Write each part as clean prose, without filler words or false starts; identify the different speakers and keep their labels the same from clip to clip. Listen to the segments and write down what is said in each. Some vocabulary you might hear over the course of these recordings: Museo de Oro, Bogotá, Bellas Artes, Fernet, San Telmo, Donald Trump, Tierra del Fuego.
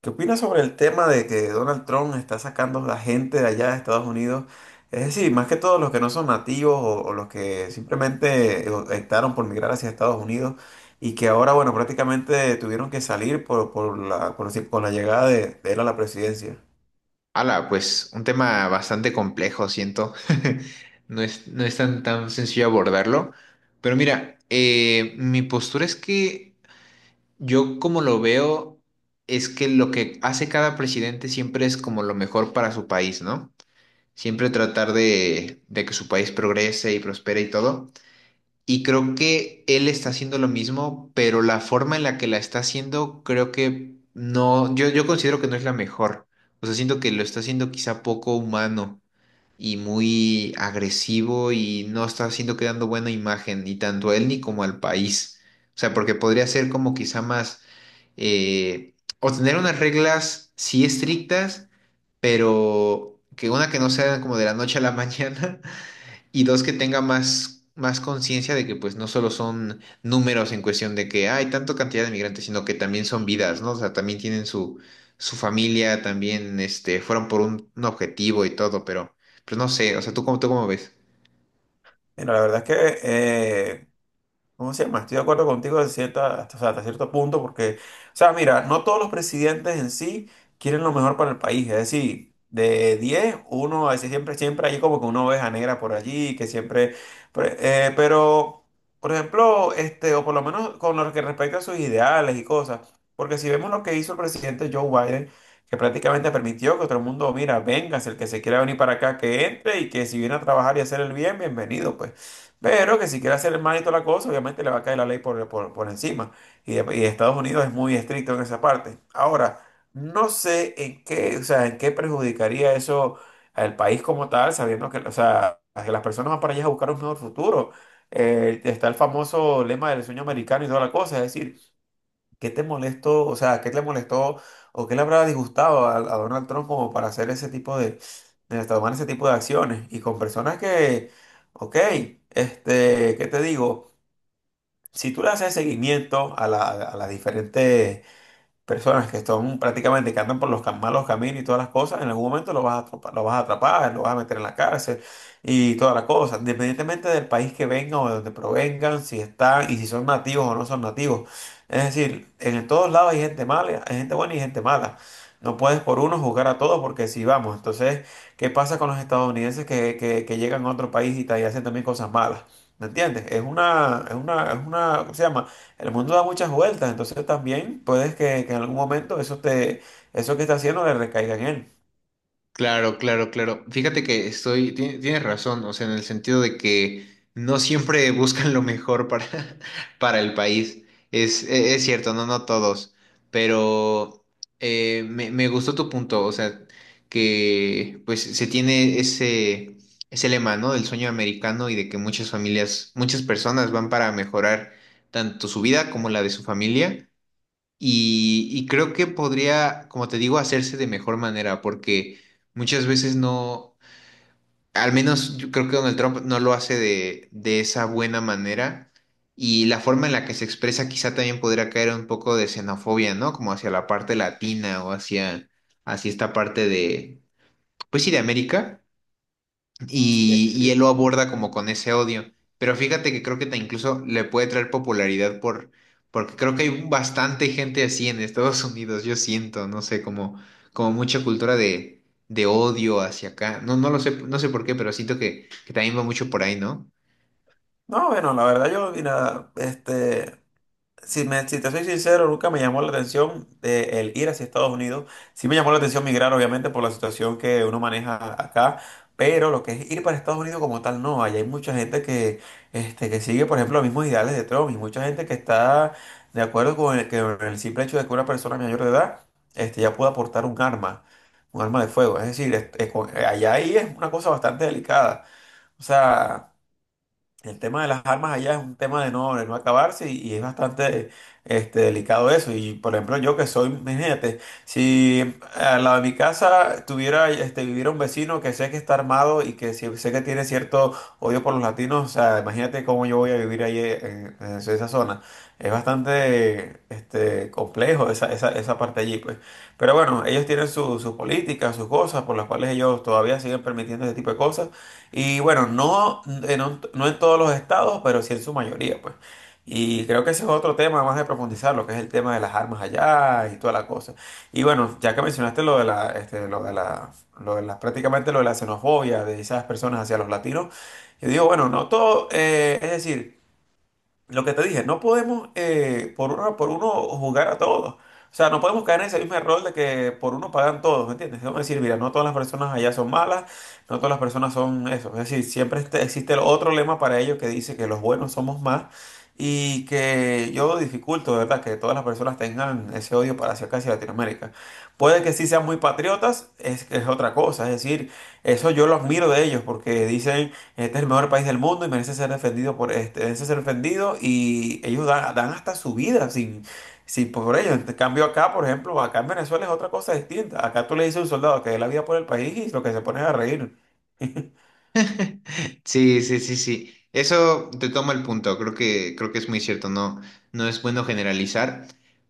Speaker 1: ¿Qué opinas sobre el tema de que Donald Trump está sacando a la gente de allá de Estados Unidos? Es decir, más que todo los que no son nativos o los que simplemente optaron por migrar hacia Estados Unidos y que ahora, bueno, prácticamente tuvieron que salir por la llegada de él a la presidencia.
Speaker 2: Ala, pues un tema bastante complejo, siento. No es tan, tan sencillo abordarlo. Pero mira, mi postura es que yo como lo veo es que lo que hace cada presidente siempre es como lo mejor para su país, ¿no? Siempre tratar de que su país progrese y prospere y todo. Y creo que él está haciendo lo mismo, pero la forma en la que la está haciendo, creo que no, yo considero que no es la mejor. O sea, siento que lo está haciendo quizá poco humano y muy agresivo y no está haciendo que dando buena imagen, ni tanto a él ni como al país. O sea, porque podría ser como quizá más, o tener unas reglas sí estrictas, pero que una que no sea como de la noche a la mañana y dos, que tenga más, más conciencia de que pues no solo son números en cuestión de que hay tanta cantidad de migrantes, sino que también son vidas, ¿no? O sea, también tienen su, su familia, también este, fueron por un objetivo y todo, pero no sé, o sea, tú cómo ves?
Speaker 1: Mira, la verdad es que ¿cómo se llama? Estoy de acuerdo contigo de cierta, hasta, o sea, hasta cierto punto porque, o sea, mira, no todos los presidentes en sí quieren lo mejor para el país. Es decir, de 10 uno a veces siempre hay como que una oveja negra por allí, que siempre, pero, por ejemplo, este, o por lo menos con lo que respecta a sus ideales y cosas, porque si vemos lo que hizo el presidente Joe Biden, que prácticamente permitió que todo el mundo, mira, véngase, el que se quiera venir para acá, que entre y que si viene a trabajar y hacer el bien, bienvenido, pues. Pero que si quiere hacer mal y toda la cosa, obviamente le va a caer la ley por encima. Y Estados Unidos es muy estricto en esa parte. Ahora, no sé en qué, o sea, en qué perjudicaría eso al país como tal, sabiendo que, o sea, que las personas van para allá a buscar un mejor futuro. Está el famoso lema del sueño americano y toda la cosa. Es decir, ¿qué te molestó? O sea, ¿qué te molestó o qué le habrá disgustado a Donald Trump como para hacer ese tipo de tomar ese tipo de acciones? Y con personas que, ok, este, ¿qué te digo? Si tú le haces seguimiento a la- a las diferentes personas que están prácticamente que andan por los cam- malos caminos y todas las cosas, en algún momento lo vas a atrapar, lo vas a atrapar, lo vas a meter en la cárcel y toda la cosa, independientemente del país que vengan o de donde provengan, si están y si son nativos o no son nativos. Es decir, en todos lados hay gente mala, hay gente buena y gente mala. No puedes por uno juzgar a todos porque si vamos, entonces, ¿qué pasa con los estadounidenses que llegan a otro país y, ta- y hacen también cosas malas? ¿Me entiendes? Es una, ¿cómo se llama? El mundo da muchas vueltas, entonces también puedes que en algún momento eso que está haciendo le recaiga en él.
Speaker 2: Claro, claro, claro. Fíjate que estoy, tienes razón, o sea, en el sentido de que no siempre buscan lo mejor para, para el país. Es, es cierto, no, no todos, pero me gustó tu punto, o sea, que pues se tiene ese, ese lema, ¿no? Del sueño americano y de que muchas familias, muchas personas van para mejorar tanto su vida como la de su familia. Y creo que podría, como te digo, hacerse de mejor manera, porque muchas veces no, al menos yo creo que Donald Trump no lo hace de esa buena manera, y la forma en la que se expresa quizá también podría caer un poco de xenofobia, ¿no? Como hacia la parte latina o hacia, hacia esta parte de, pues sí, de América. Y él lo
Speaker 1: Sí.
Speaker 2: aborda como con ese odio. Pero fíjate que creo que te incluso le puede traer popularidad por, porque creo que hay bastante gente así en Estados Unidos, yo siento, no sé, como, como mucha cultura de odio hacia acá. No, no lo sé, no sé por qué, pero siento que también va mucho por ahí, ¿no?
Speaker 1: No, bueno, la verdad yo, mira, este, si, si te soy sincero, nunca me llamó la atención el ir hacia Estados Unidos. Sí me llamó la atención migrar, obviamente, por la situación que uno maneja acá, pero lo que es ir para Estados Unidos como tal, no. Allá hay mucha gente que, este, que sigue, por ejemplo, los mismos ideales de Trump y mucha gente que está de acuerdo con el, que el simple hecho de que una persona mayor de edad este, ya pueda portar un arma de fuego. Es decir, es con- allá ahí es una cosa bastante delicada. O sea... El tema de las armas allá es un tema de no acabarse y es bastante este, delicado eso. Y por ejemplo, yo que soy, imagínate, si al lado de mi casa tuviera, este, viviera un vecino que sé que está armado y que sí- sé que tiene cierto odio por los latinos, o sea, imagínate cómo yo voy a vivir ahí en esa zona. Es bastante este, complejo esa parte allí, pues. Pero bueno, ellos tienen su- sus políticas, sus cosas por las cuales ellos todavía siguen permitiendo ese tipo de cosas. Y bueno, no, en un- no en todos los estados, pero sí en su mayoría, pues. Y creo que ese es otro tema más de profundizar, lo que es el tema de las armas allá y toda la cosa. Y bueno, ya que mencionaste lo de la, este, prácticamente lo de la xenofobia de esas personas hacia los latinos, yo digo, bueno, no todo, es decir, lo que te dije, no podemos por uno jugar a todos. O sea, no podemos caer en ese mismo error de que por uno pagan todos, ¿me entiendes? Vamos a decir, mira, no todas las personas allá son malas, no todas las personas son eso. Es decir, siempre este- existe el otro lema para ellos que dice que los buenos somos más y que yo dificulto, de ¿verdad?, que todas las personas tengan ese odio para hacia acá, hacia Latinoamérica. Puede que sí sean muy patriotas, es otra cosa. Es decir, eso yo lo admiro de ellos porque dicen... Este es el mejor país del mundo y merece ser defendido por este, merece ser defendido y ellos dan hasta su vida sin, sin por ello. En cambio acá, por ejemplo, acá en Venezuela es otra cosa distinta. Acá tú le dices a un soldado que dé la vida por el país y lo que se pone es a reír.
Speaker 2: Sí, sí, sí, sí. Eso te tomo el punto. Creo que es muy cierto. No, no es bueno generalizar,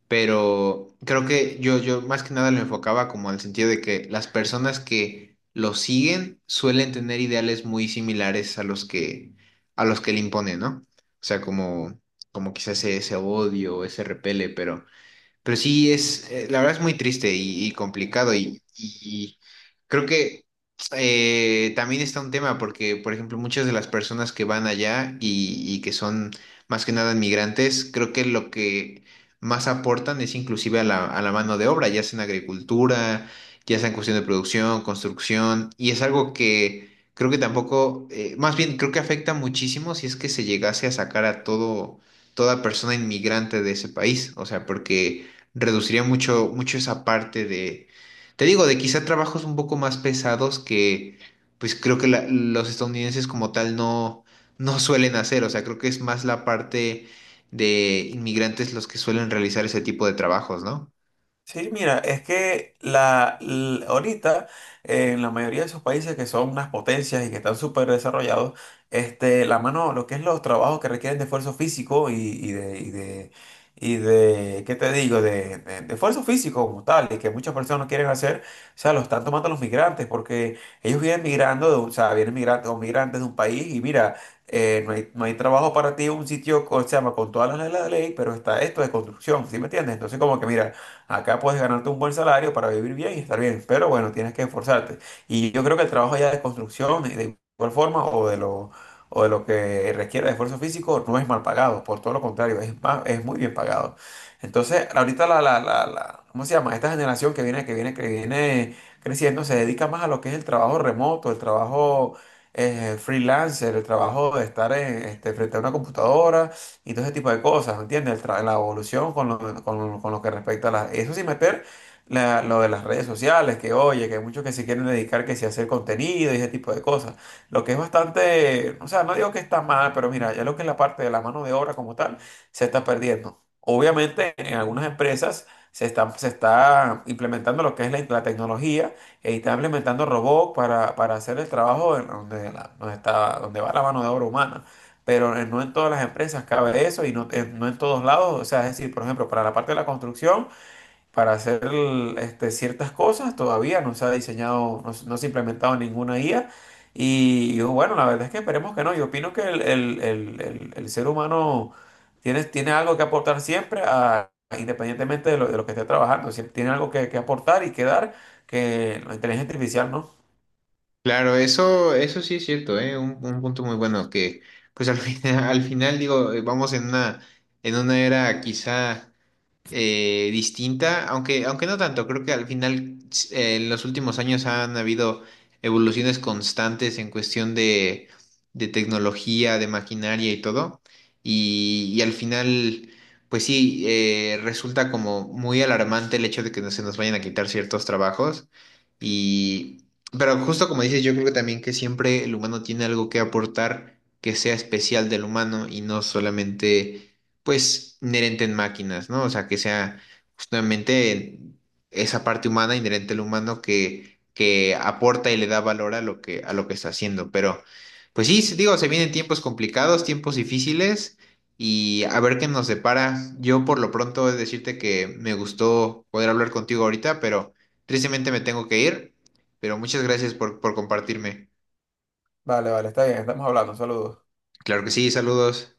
Speaker 2: pero creo que yo más que nada lo enfocaba como al sentido de que las personas que lo siguen suelen tener ideales muy similares a los que le imponen, ¿no? O sea, como, como quizás ese, ese odio, ese repele, pero sí, es, la verdad es muy triste y complicado y creo que también está un tema porque, por ejemplo, muchas de las personas que van allá y que son más que nada inmigrantes, creo que lo que más aportan es inclusive a la mano de obra, ya sea en agricultura, ya sea en cuestión de producción, construcción, y es algo que creo que tampoco, más bien creo que afecta muchísimo si es que se llegase a sacar a todo, toda persona inmigrante de ese país, o sea, porque reduciría mucho, mucho esa parte de, te digo, de quizá trabajos un poco más pesados que, pues creo que los estadounidenses como tal no, no suelen hacer, o sea, creo que es más la parte de inmigrantes los que suelen realizar ese tipo de trabajos, ¿no?
Speaker 1: Sí, mira, es que la, l- ahorita en la mayoría de esos países que son unas potencias y que están súper desarrollados, este, la mano, lo que es los trabajos que requieren de esfuerzo físico ¿qué te digo? De esfuerzo físico como tal, y que muchas personas no quieren hacer, o sea, lo están tomando los migrantes, porque ellos vienen migrando, de un- o sea, vienen migrantes o migrantes de un país y mira, no hay trabajo para ti en un sitio, o sea, con todas las leyes de la ley, pero está esto de construcción, ¿sí me entiendes? Entonces, como que mira. Acá puedes ganarte un buen salario para vivir bien y estar bien, pero bueno, tienes que esforzarte. Y yo creo que el trabajo ya de construcción, de igual forma, o de lo que requiere de esfuerzo físico, no es mal pagado, por todo lo contrario, es más, es muy bien pagado. Entonces, ahorita ¿cómo se llama? Esta generación que viene, que viene creciendo se dedica más a lo que es el trabajo remoto, el trabajo freelancer, el trabajo de estar en- este, frente a una computadora y todo ese tipo de cosas, ¿me ¿entiendes? El tra- la evolución con lo, con lo que respecta a las... Eso sin meter la- lo de las redes sociales, que oye, que hay muchos que se quieren dedicar, que si a hacer contenido y ese tipo de cosas. Lo que es bastante, o sea, no digo que está mal, pero mira, ya lo que es la parte de la mano de obra como tal, se está perdiendo. Obviamente, en algunas empresas se está implementando lo que es la tecnología e está implementando robots para hacer el trabajo en donde, la- donde está, donde va la mano de obra humana pero no en todas las empresas cabe eso y no, en- no en todos lados. O sea, es decir, por ejemplo, para la parte de la construcción, para hacer el- este, ciertas cosas, todavía no se ha diseñado, no, se no se ha implementado ninguna IA. Y, yo, bueno, la verdad es que esperemos que no. Yo opino que el ser humano tiene, tiene algo que aportar siempre, a- independientemente de lo que esté trabajando. Siempre tiene algo que aportar y que dar que la inteligencia artificial no.
Speaker 2: Claro, eso sí es cierto, ¿eh? Un punto muy bueno que, pues al final, al final digo, vamos en una era quizá distinta, aunque, aunque no tanto, creo que al final en los últimos años han habido evoluciones constantes en cuestión de tecnología, de maquinaria y todo, y al final, pues sí, resulta como muy alarmante el hecho de que no se nos vayan a quitar ciertos trabajos, y, pero justo como dices, yo creo que también que siempre el humano tiene algo que aportar que sea especial del humano y no solamente pues inherente en máquinas, ¿no? O sea, que sea justamente esa parte humana, inherente al humano, que aporta y le da valor a lo que está haciendo. Pero, pues sí, sí, digo, se vienen tiempos complicados, tiempos difíciles, y a ver qué nos depara. Yo por lo pronto he de decirte que me gustó poder hablar contigo ahorita, pero tristemente me tengo que ir. Pero muchas gracias por compartirme.
Speaker 1: Vale, vale, está bien, estamos hablando. Saludos.
Speaker 2: Claro que sí, saludos.